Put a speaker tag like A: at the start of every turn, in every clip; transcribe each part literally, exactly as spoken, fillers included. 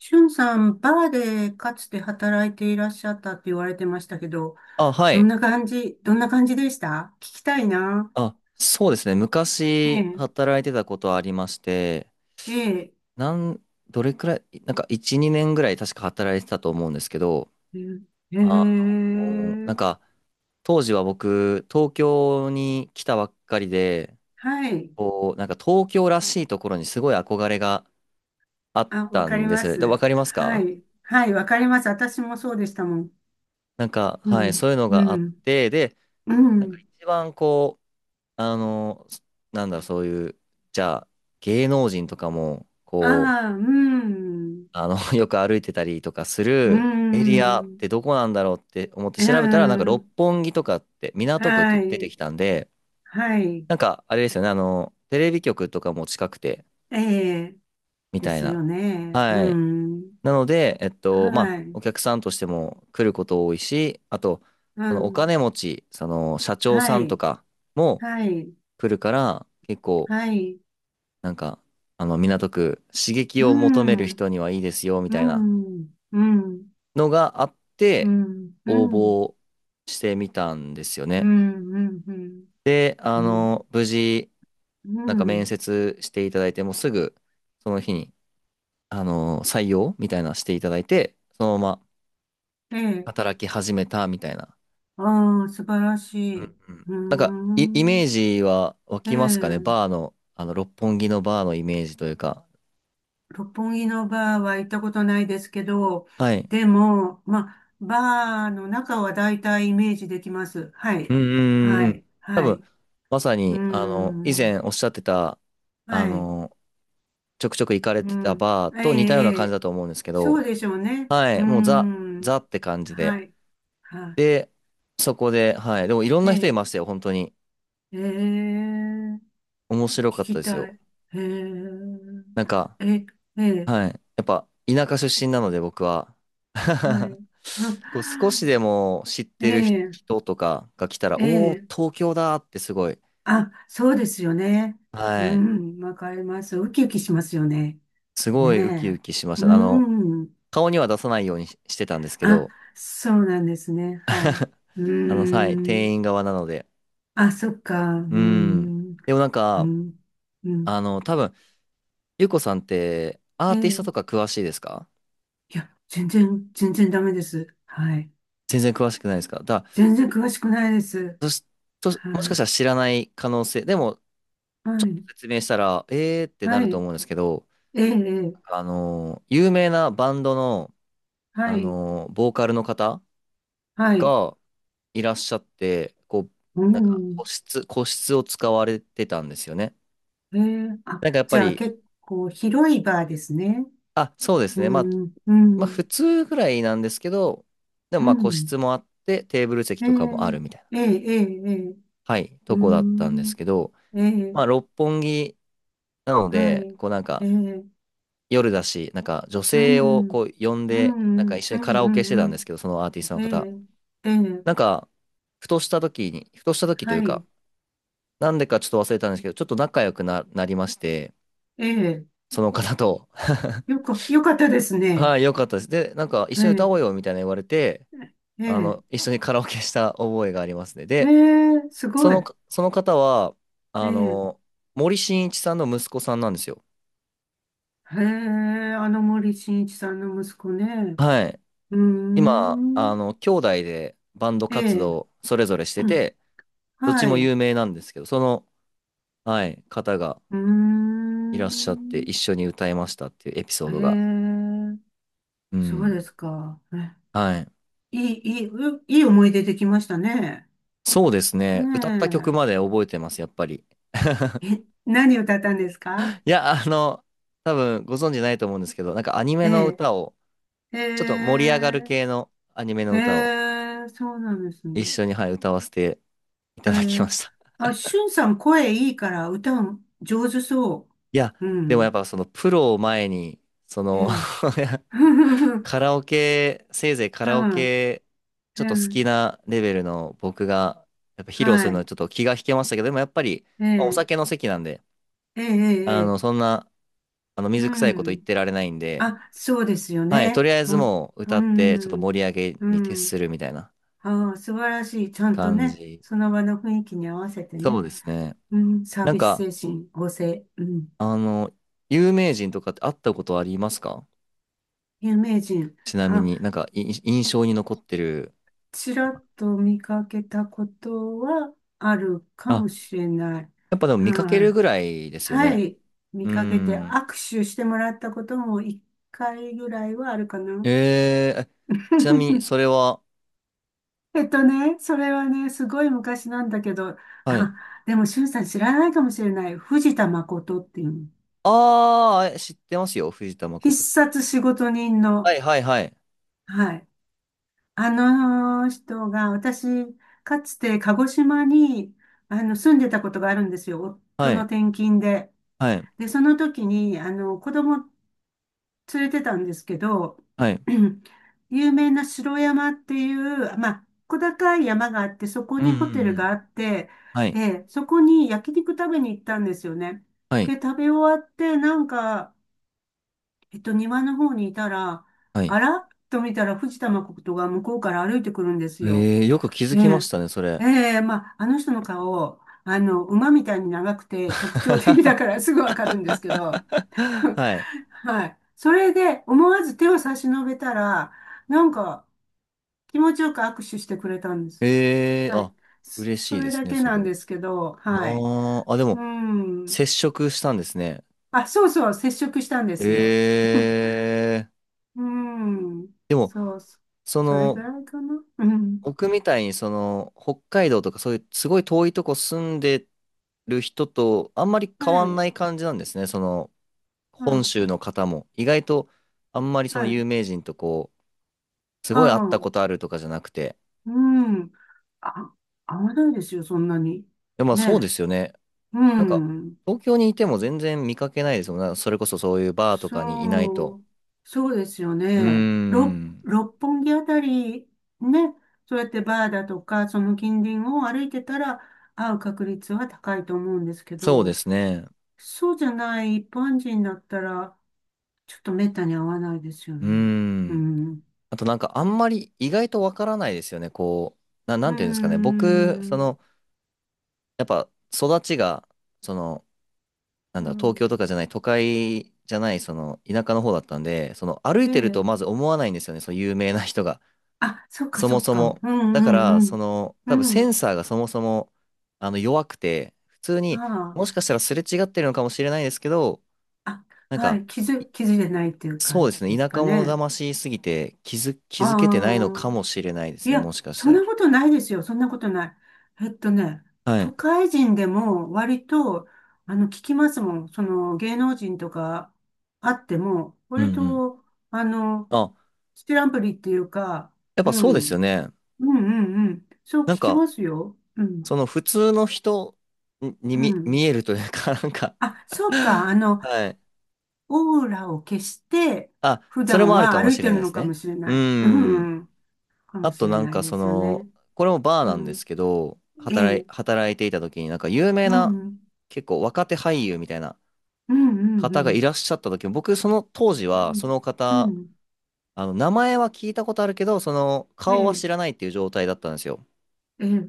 A: しゅんさん、バーでかつて働いていらっしゃったって言われてましたけど、
B: あ、は
A: どん
B: い。
A: な感じ、どんな感じでした聞きたいな。
B: あ、そうですね。
A: え
B: 昔
A: え、
B: 働いてたことはありまして、
A: ええ、
B: なん、どれくらい、なんかいち、にねんぐらい確か働いてたと思うんですけど、
A: え
B: あの、なん
A: え、ええ
B: か当時は僕、東京に来たばっかりで、
A: はい。
B: こう、なんか東京らしいところにすごい憧れがあっ
A: あ、わ
B: た
A: かり
B: んで
A: ま
B: す。で、わ
A: す。
B: かります
A: は
B: か？
A: い。はい、わかります。私もそうでしたもん。
B: なんか、
A: う
B: はい、
A: ん、
B: そういうの
A: う
B: があっ
A: ん、
B: て、で、
A: う
B: なんか
A: ん。
B: 一番こう、あの、なんだろう、そういう、じゃあ、芸能人とかも、こ
A: ああ、
B: う、
A: うん、
B: あの、よく歩いてたりとかす
A: う
B: るエリアっ
A: ん、
B: てどこなんだろうって思って
A: う
B: 調べたら、なんか六
A: ん。
B: 本木とかって、港区って
A: は
B: 出て
A: い、
B: きたんで、
A: はい。
B: なんかあれですよね、あの、テレビ局とかも近くて、
A: ええ、
B: み
A: で
B: たい
A: す
B: な。
A: よね。う
B: はい。
A: ん、
B: なので、えっと、まあ、
A: はい。
B: お客さんとしても来ること多いし、あと、
A: う
B: そのお
A: ん。
B: 金持ち、その社長
A: は
B: さんと
A: い。
B: かも
A: はい。
B: 来るから、結構、
A: はい。
B: なんか、あの、港区、刺激
A: う
B: を求める
A: ん。
B: 人にはいいですよ、み
A: う
B: たいな。
A: ん。うん。
B: のがあっ
A: う
B: て、
A: ん。う
B: 応
A: ん。うん。
B: 募してみたんですよ
A: う
B: ね。
A: ん。うん。
B: で、あ
A: うん。
B: の、無事、
A: う
B: なんか面
A: ん
B: 接していただいて、もうすぐ、その日に、あの、採用みたいなのしていただいて、そのまま
A: ええ。
B: 働き始めたみたいな。
A: ああ、素晴らしい。
B: うんうん、
A: うー
B: なんか、イ、イメ
A: ん。
B: ージは湧
A: え
B: きますかね、
A: え。
B: バーの、あの、六本木のバーのイメージというか。
A: 六本木のバーは行ったことないですけど、
B: はい。
A: でも、まあ、バーの中は大体イメージできます。は
B: うん
A: い。
B: うんうんう
A: はい。
B: ん。多
A: は
B: 分、
A: い。う
B: まさ
A: ー
B: に、あの、以
A: ん。
B: 前おっしゃってた、あ
A: はい。
B: の、ちょくちょく行かれ
A: う
B: てた
A: ん。
B: バー
A: ええ、
B: と似たような
A: え
B: 感じ
A: え
B: だと思うんですけ
A: そ
B: ど、
A: うでしょうね。
B: は
A: うー
B: い、もうザ、
A: ん。
B: ザって感じで。
A: はい。は
B: で、そこで、はい、でもいろん
A: い。え
B: な人い
A: え、
B: ましたよ、本当に。
A: ええ、聞
B: 面白かった
A: き
B: です
A: た
B: よ。
A: い。ええ、
B: なんか、
A: え、ええ、
B: はい、やっぱ田舎出身なので僕は。
A: は い。
B: こう少し でも知っ
A: え
B: てる人
A: え、
B: 人とかが来たら、
A: え
B: おー、
A: え、
B: 東京だってすごい、
A: あ、そうですよね。う
B: はい、
A: ん、わかります。ウキウキしますよね。
B: すごいウキウ
A: ね
B: キしまし
A: え。
B: た。あの、
A: うん。
B: 顔には出さないようにししてたんですけ
A: あ、
B: ど、
A: そうなんですね。はい。う
B: あの、はい、店員
A: ん。
B: 側なので。
A: あ、そっか。う
B: うん。
A: ん。
B: でもなん
A: う
B: か、
A: ん。うん。
B: あの、多分、ゆうこさんってア
A: え
B: ーティスト
A: え。
B: とか詳しいですか？
A: いや、全然、全然ダメです。はい。
B: 全然詳しくないですか？だから、
A: 全然詳しくないです。
B: ちょも
A: は
B: しかし
A: い。
B: たら知らない可能性、でも
A: はい。
B: 説明したら、えーってな
A: は
B: ると
A: い。
B: 思うんですけど、
A: ええ、ええ
B: あの、有名なバンドの、あ
A: はい。
B: の、ボーカルの方
A: はい。
B: がいらっしゃって、こう、
A: う
B: なんか個
A: ん。
B: 室、個室を使われてたんですよね。
A: ええ、あ、
B: なんかやっぱ
A: じゃあ
B: り、
A: 結構広いバーですね。
B: あ、そうです
A: う
B: ね。まあ、
A: ん、う
B: まあ
A: ん、
B: 普通ぐらいなんですけど、でも
A: う
B: まあ個室
A: ん。
B: もあって、テーブル席
A: え
B: とかもあ
A: え、
B: るみたいな、
A: ええ、ええ、ええ
B: はい、と
A: う
B: こだったんで
A: ん。
B: すけど、
A: ええ、
B: まあ、六本木なの
A: は
B: で、
A: い。
B: こうなんか
A: ええ、
B: 夜だし、なんか女
A: う
B: 性を
A: ん、
B: こう呼ん
A: うん、う
B: で、なんか一
A: ん、
B: 緒
A: う
B: にカラオケ
A: ん、
B: してた
A: う
B: んです
A: ん。
B: けど、そのアーティストの
A: うんえ
B: 方。
A: え、ええ、
B: なんか、ふとした時に、ふとした時という
A: はい。
B: か、なんでかちょっと忘れたんですけど、ちょっと仲良くな、なりまして、
A: ええ、
B: その方と、
A: よか、よかったですね。
B: はい、良かったです。で、なんか一緒に歌
A: え
B: おう
A: え
B: よみたいな言われて、
A: え
B: あ
A: え、
B: の、一緒にカラオケした覚えがありますね。
A: え
B: で、
A: え、す
B: そ
A: ご
B: の、
A: い。
B: その方は、
A: え
B: あ
A: え、
B: の、森進一さんの息子さんなんですよ。
A: へえ、あの森進一さんの息子ね。
B: はい。
A: うー
B: 今、あ
A: ん、
B: の、兄弟でバンド
A: え
B: 活
A: え、
B: 動それぞれして
A: うん
B: て、どっち
A: は
B: も
A: い。
B: 有名なんですけど、その、はい、方が
A: うー
B: いらっしゃって
A: ん、
B: 一緒に歌いましたっていうエピソードが。
A: ええ、
B: う
A: そう
B: ん。
A: ですか。え
B: はい。
A: いい、いい、ういい思い出できましたね。
B: そうですね。歌った曲
A: ね
B: まで覚えてます、やっぱり。
A: え、え、何歌ったんですか？
B: いや、あの、多分ご存知ないと思うんですけど、なんかアニメ
A: え
B: の
A: え、
B: 歌を、
A: え
B: ちょっと盛り上がる
A: え、
B: 系のアニメの
A: え
B: 歌を
A: え、そうなんです
B: 一
A: ね。
B: 緒に、はい、歌わせてい
A: え
B: ただきま
A: ー、
B: した。
A: あ、しゅんさん声いいから歌う上手そ
B: いや、
A: う。う
B: でもや
A: ん。
B: っぱそのプロを前に、そ
A: え
B: の
A: え。
B: カラオケ、せいぜいカ
A: う
B: ラオ
A: ん。
B: ケ、ちょ
A: え
B: っと好き
A: え。
B: なレベルの僕が、やっぱ披露する
A: は
B: のは
A: い。
B: ちょっと気が引けましたけど、でもやっぱり、
A: え
B: まあお
A: え。
B: 酒の席なんで、
A: ええ。
B: あの、
A: ええ。
B: そんな、あの、
A: う
B: 水臭いこと言っ
A: ん。
B: てられないんで、
A: あ、そうですよ
B: はい、と
A: ね。
B: りあえず
A: も
B: もう
A: う、う
B: 歌って、ちょっと
A: ん。
B: 盛り上げ
A: う
B: に徹す
A: ん。
B: るみたいな
A: ああ、素晴らしい。ちゃんと
B: 感
A: ね、
B: じ。
A: その場の雰囲気に合わせて
B: そう
A: ね。
B: ですね。
A: うん。サー
B: なん
A: ビス
B: か、
A: 精神旺盛。うん。
B: あの、有名人とかって会ったことありますか？
A: 有名人。
B: ちなみ
A: あ、
B: になんか、い印象に残ってる。
A: ちらっと見かけたことはあるか
B: あ、
A: もしれない。
B: やっぱでも見かけ
A: は
B: る
A: い。
B: ぐらいですよ
A: は
B: ね。
A: い。
B: う
A: 見
B: ー
A: かけて
B: ん。
A: 握手してもらったことも一回ぐらいはあるかな。
B: えええちなみに、それ は、
A: えっとね、それはね、すごい昔なんだけど、
B: はい。
A: あ、でも、しゅんさん知らないかもしれない。藤田誠っていう、
B: ああ、え知ってますよ、藤田
A: 必
B: 誠さん。
A: 殺仕事人
B: は
A: の、
B: い、はい、はい。
A: はい。あの人が、私、かつて鹿児島に、あの、住んでたことがあるんですよ。夫
B: は
A: の
B: い、
A: 転勤で。
B: はい、
A: で、その時に、あの、子供連れてたんですけど、
B: はい。
A: 有名な城山っていう、まあ、小高い山があって、そこ
B: うん、うん、
A: にホテル
B: う
A: があ
B: ん。
A: って、
B: は
A: え
B: い、
A: え、そこに焼肉食べに行ったんですよね。
B: はい、
A: で、食べ終わって、なんか、えっと、庭の方にいたら、
B: はい。
A: あらっと見たら、藤田誠が向こうから歩いてくるんですよ。
B: ええ、よく気づ
A: え
B: きまし
A: え、
B: たね、それ。
A: ええ、まあ、あの人の顔、あの、馬みたいに長くて特徴的だからすぐわかるんですけど、
B: はい。
A: はい。それで思わず手を差し伸べたら、なんか気持ちよく握手してくれたんです。
B: ええ、
A: はい。
B: あ、嬉
A: そそ
B: しいで
A: れ
B: す
A: だ
B: ね、
A: け
B: そ
A: な
B: れ
A: ん
B: は。
A: ですけど、はい。
B: ああ、あ、で
A: う
B: も、
A: ん。
B: 接触したんですね。
A: あ、そうそう、接触したんですよ。
B: え え、
A: うん。
B: でも、
A: そう、そ
B: そ
A: それぐ
B: の、
A: らいかな。うん。
B: 僕みたいにその北海道とかそういうすごい遠いとこ住んでる人とあんまり変わ
A: は
B: ん
A: い。
B: ない感じなんですね。その
A: う
B: 本
A: ん
B: 州の方も意外とあんまりその
A: はい。
B: 有名人とこうすごい会っ
A: あ
B: たこ
A: あ。
B: とあるとかじゃなくて。
A: うん。あ、合わないですよ、そんなに。
B: でもまあ
A: ね
B: そうですよね。
A: え。う
B: なんか
A: ん。
B: 東京にいても全然見かけないですもんね。それこそそういうバーとかにいないと。
A: そう。そうですよ
B: うー
A: ね。六、
B: ん。
A: 六本木あたり、ね。そうやってバーだとか、その近隣を歩いてたら、会う確率は高いと思うんですけ
B: そうで
A: ど、
B: すね。
A: そうじゃない一般人だったら、ちょっと滅多に会わないですよ
B: うー
A: ね。う
B: ん。
A: ん。
B: あとなんかあんまり意外とわからないですよね。こう、な、
A: う
B: な
A: ー
B: んていうんですかね。僕、そ
A: ん。
B: のやっぱ育ちが、その、なん
A: う
B: だろう、東京
A: ん。
B: とかじゃない、都会じゃない、その、田舎の方だったんで、その、歩
A: え
B: いてると
A: え。
B: まず思わないんですよね、その有名な人が。
A: あ、そっか
B: そ
A: そ
B: も
A: っ
B: そ
A: か。
B: も。
A: うん
B: だから、
A: うんう
B: そ
A: ん。
B: の、
A: う
B: 多分セ
A: ん。
B: ンサーがそもそも、あの、弱くて、普通に、
A: あ
B: もしかしたらすれ違ってるのかもしれないですけど、
A: あ、
B: なん
A: あ、は
B: か、
A: い、気
B: い
A: づ、気づいてないっていう
B: そ
A: 感
B: うです
A: じ
B: ね、
A: です
B: 田
A: か
B: 舎者
A: ね。
B: 魂すぎて、気づ、気
A: あ
B: づけてないのか
A: あ、
B: もしれないです
A: い
B: ね、
A: や、
B: もしかし
A: そ
B: た
A: んな
B: ら。
A: ことないですよ。そんなことない。えっとね、
B: は
A: 都
B: い。
A: 会人でも割と、あの、聞きますもん。その、芸能人とかあっても、
B: うんう
A: 割
B: ん。
A: と、あの、
B: あ、
A: ステランプリっていうか、
B: やっ
A: う
B: ぱそうですよ
A: ん、
B: ね。
A: うん、うん、うん。そう聞
B: なん
A: き
B: か、
A: ますよ。う
B: そ
A: ん、
B: の普通の人に
A: う
B: 見、見え
A: ん。
B: るというか、なんか
A: あ、そうか。あの、
B: はい。
A: オーラを消して、
B: あ、
A: 普
B: それ
A: 段
B: もある
A: は
B: かも
A: 歩い
B: し
A: て
B: れない
A: る
B: で
A: の
B: す
A: かも
B: ね。
A: しれ
B: う
A: ない。うん、
B: ん。
A: うん、かも
B: あ
A: し
B: と
A: れ
B: なん
A: ない
B: か
A: で
B: そ
A: すよ
B: の、
A: ね。
B: これもバー
A: う
B: なんです
A: ん、
B: けど、
A: え
B: 働い、
A: え、
B: 働いていた時になんか有名
A: うん、
B: な、
A: うん、
B: 結構若手俳優みたいな
A: うん、う
B: 方がい
A: ん、
B: らっしゃった時も、僕その当時
A: う
B: はそ
A: ん、
B: の
A: う
B: 方、
A: ん
B: あの、名前は聞いたことあるけど、その
A: え
B: 顔は
A: え、
B: 知らないっていう状態だったんですよ。
A: ええ、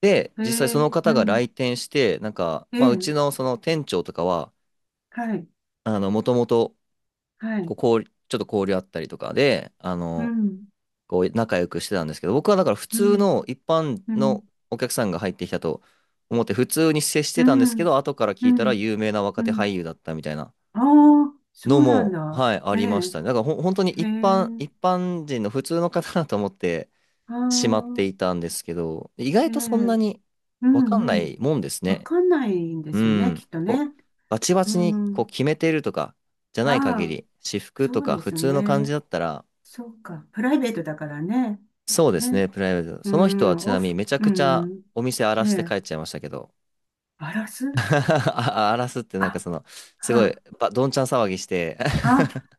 B: で、
A: え
B: 実際
A: え、
B: その
A: う
B: 方が
A: ん、
B: 来店して、なんか、
A: え
B: まあう
A: え、
B: ちのその店長とかは、
A: はい、
B: あの、もともと
A: は
B: こ
A: い、
B: う交流、ちょっと交流あったりとかで、あ
A: う
B: の、
A: ん、
B: こう仲良くしてたんですけど、僕はだから普
A: う
B: 通
A: ん、
B: の一般
A: うん、
B: のお客さんが入ってきたと思って普通に接し
A: う
B: てたんですけ
A: ん、
B: ど、後から聞
A: う
B: いたら
A: ん、
B: 有名な若
A: う
B: 手俳
A: ん。
B: 優だったみたいな
A: ああ、そ
B: の
A: うなん
B: も、
A: だ。
B: はい、あ
A: え
B: りまし
A: え、
B: たね。だからほ本当に
A: へ
B: 一般、
A: え、
B: 一般人の普通の方だと思って
A: あ
B: しまってい
A: あ、
B: たんですけど、意
A: え
B: 外とそんな
A: え、
B: に
A: う
B: わかん
A: ん、
B: な
A: うん。
B: いもんです
A: わ
B: ね。
A: かんないんで
B: う
A: すよね、
B: ん。
A: きっと
B: こう、
A: ね。
B: バチバ
A: う
B: チに
A: んう
B: こう
A: ん
B: 決めてるとかじゃない
A: あ
B: 限
A: あ、
B: り、私服と
A: そう
B: か
A: で
B: 普
A: す
B: 通の感じ
A: ね。
B: だったら、
A: そうか。プライベートだからね。
B: そうです
A: ね。
B: ね、プライベート。
A: う
B: その人は
A: ん、
B: ち
A: オ
B: なみに
A: フ、
B: めちゃ
A: う
B: くちゃ
A: ん。
B: お店荒ら
A: ね
B: して帰
A: え、
B: っちゃいましたけど。
A: バラす
B: あ、荒らすってなんか
A: あ、
B: その、すごい、
A: は
B: ばどんちゃん騒ぎして
A: あ、あ、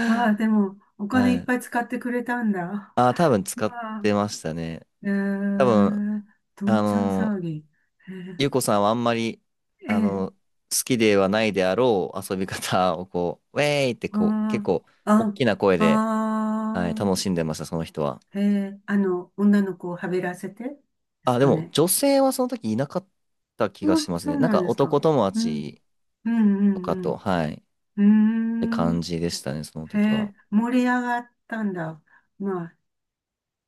A: はあ、でも、お 金い
B: は
A: っぱい
B: い。
A: 使ってくれたんだ。
B: あ、多分使っ
A: まあ、
B: てましたね。
A: え
B: 多分、
A: ー、ど
B: あ
A: んちゃん
B: のー、
A: 騒ぎ。え
B: ゆうこさんはあんまり、
A: ー、え
B: あ
A: ー、
B: のー、好きではないであろう遊び方をこう、ウェーイってこう、結
A: あー、
B: 構、大
A: あ、
B: きな声で、はい、
A: あ
B: 楽しんでました、その人は。
A: ー、えー、あの、女の子をはべらせてで
B: あ、
A: す
B: で
A: か
B: も、
A: ね。
B: 女性はその時いなかった気
A: あ、
B: がします
A: そ
B: ね。
A: う
B: なん
A: なん
B: か、
A: です
B: 男
A: か。
B: 友
A: うん。
B: 達
A: うんう
B: とかと、
A: ん
B: はい。
A: う
B: て
A: ん。うー
B: 感
A: ん。
B: じでしたね、その
A: へ
B: 時は。
A: え、盛り上がったんだ。まあ、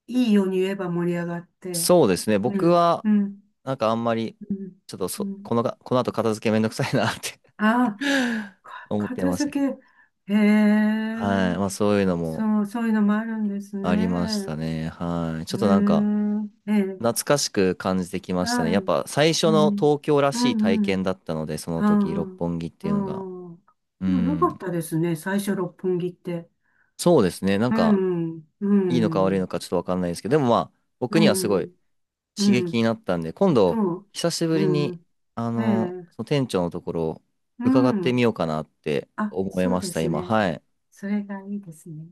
A: いいように言えば盛り上がって。
B: そうですね、
A: う
B: 僕
A: ん、
B: は、
A: うん、
B: なんかあんまり、
A: うん、
B: ちょっと
A: う
B: そ、
A: ん。
B: このが、この後片付けめんどくさいなって
A: ああ、か
B: 思って
A: 片
B: まし
A: 付
B: たけど。
A: け。へ
B: は
A: え、
B: い。まあそういうのも
A: そう、そういうのもあるんですね。
B: ありましたね。はい。ち
A: へ
B: ょ
A: え、
B: っとなんか、
A: ええ、
B: 懐かしく感じてきましたね。
A: は
B: やっ
A: い。
B: ぱ最初
A: う
B: の
A: ん、
B: 東京ら
A: う
B: しい体
A: ん、う
B: 験
A: ん。
B: だったので、その時、六
A: あ
B: 本木って
A: あ、あ
B: いうのが。
A: あ。
B: う
A: でもよかっ
B: ん。
A: たですね、最初六本木って。
B: そうですね。なん
A: う
B: か、
A: ん、う
B: いいのか悪い
A: ん、
B: のかちょっとわかんないですけど、でもまあ、僕
A: う
B: にはすごい
A: ん。う
B: 刺激
A: ん。
B: になったんで、今
A: そ
B: 度、
A: う。
B: 久しぶり
A: う
B: に、
A: ん。
B: あ
A: え
B: の、
A: え。
B: その店長のところ、
A: う
B: 伺ってみ
A: ん。
B: ようかなって
A: あ、
B: 思い
A: そう
B: まし
A: で
B: た、
A: す
B: 今。
A: ね。
B: はい。
A: それがいいですね。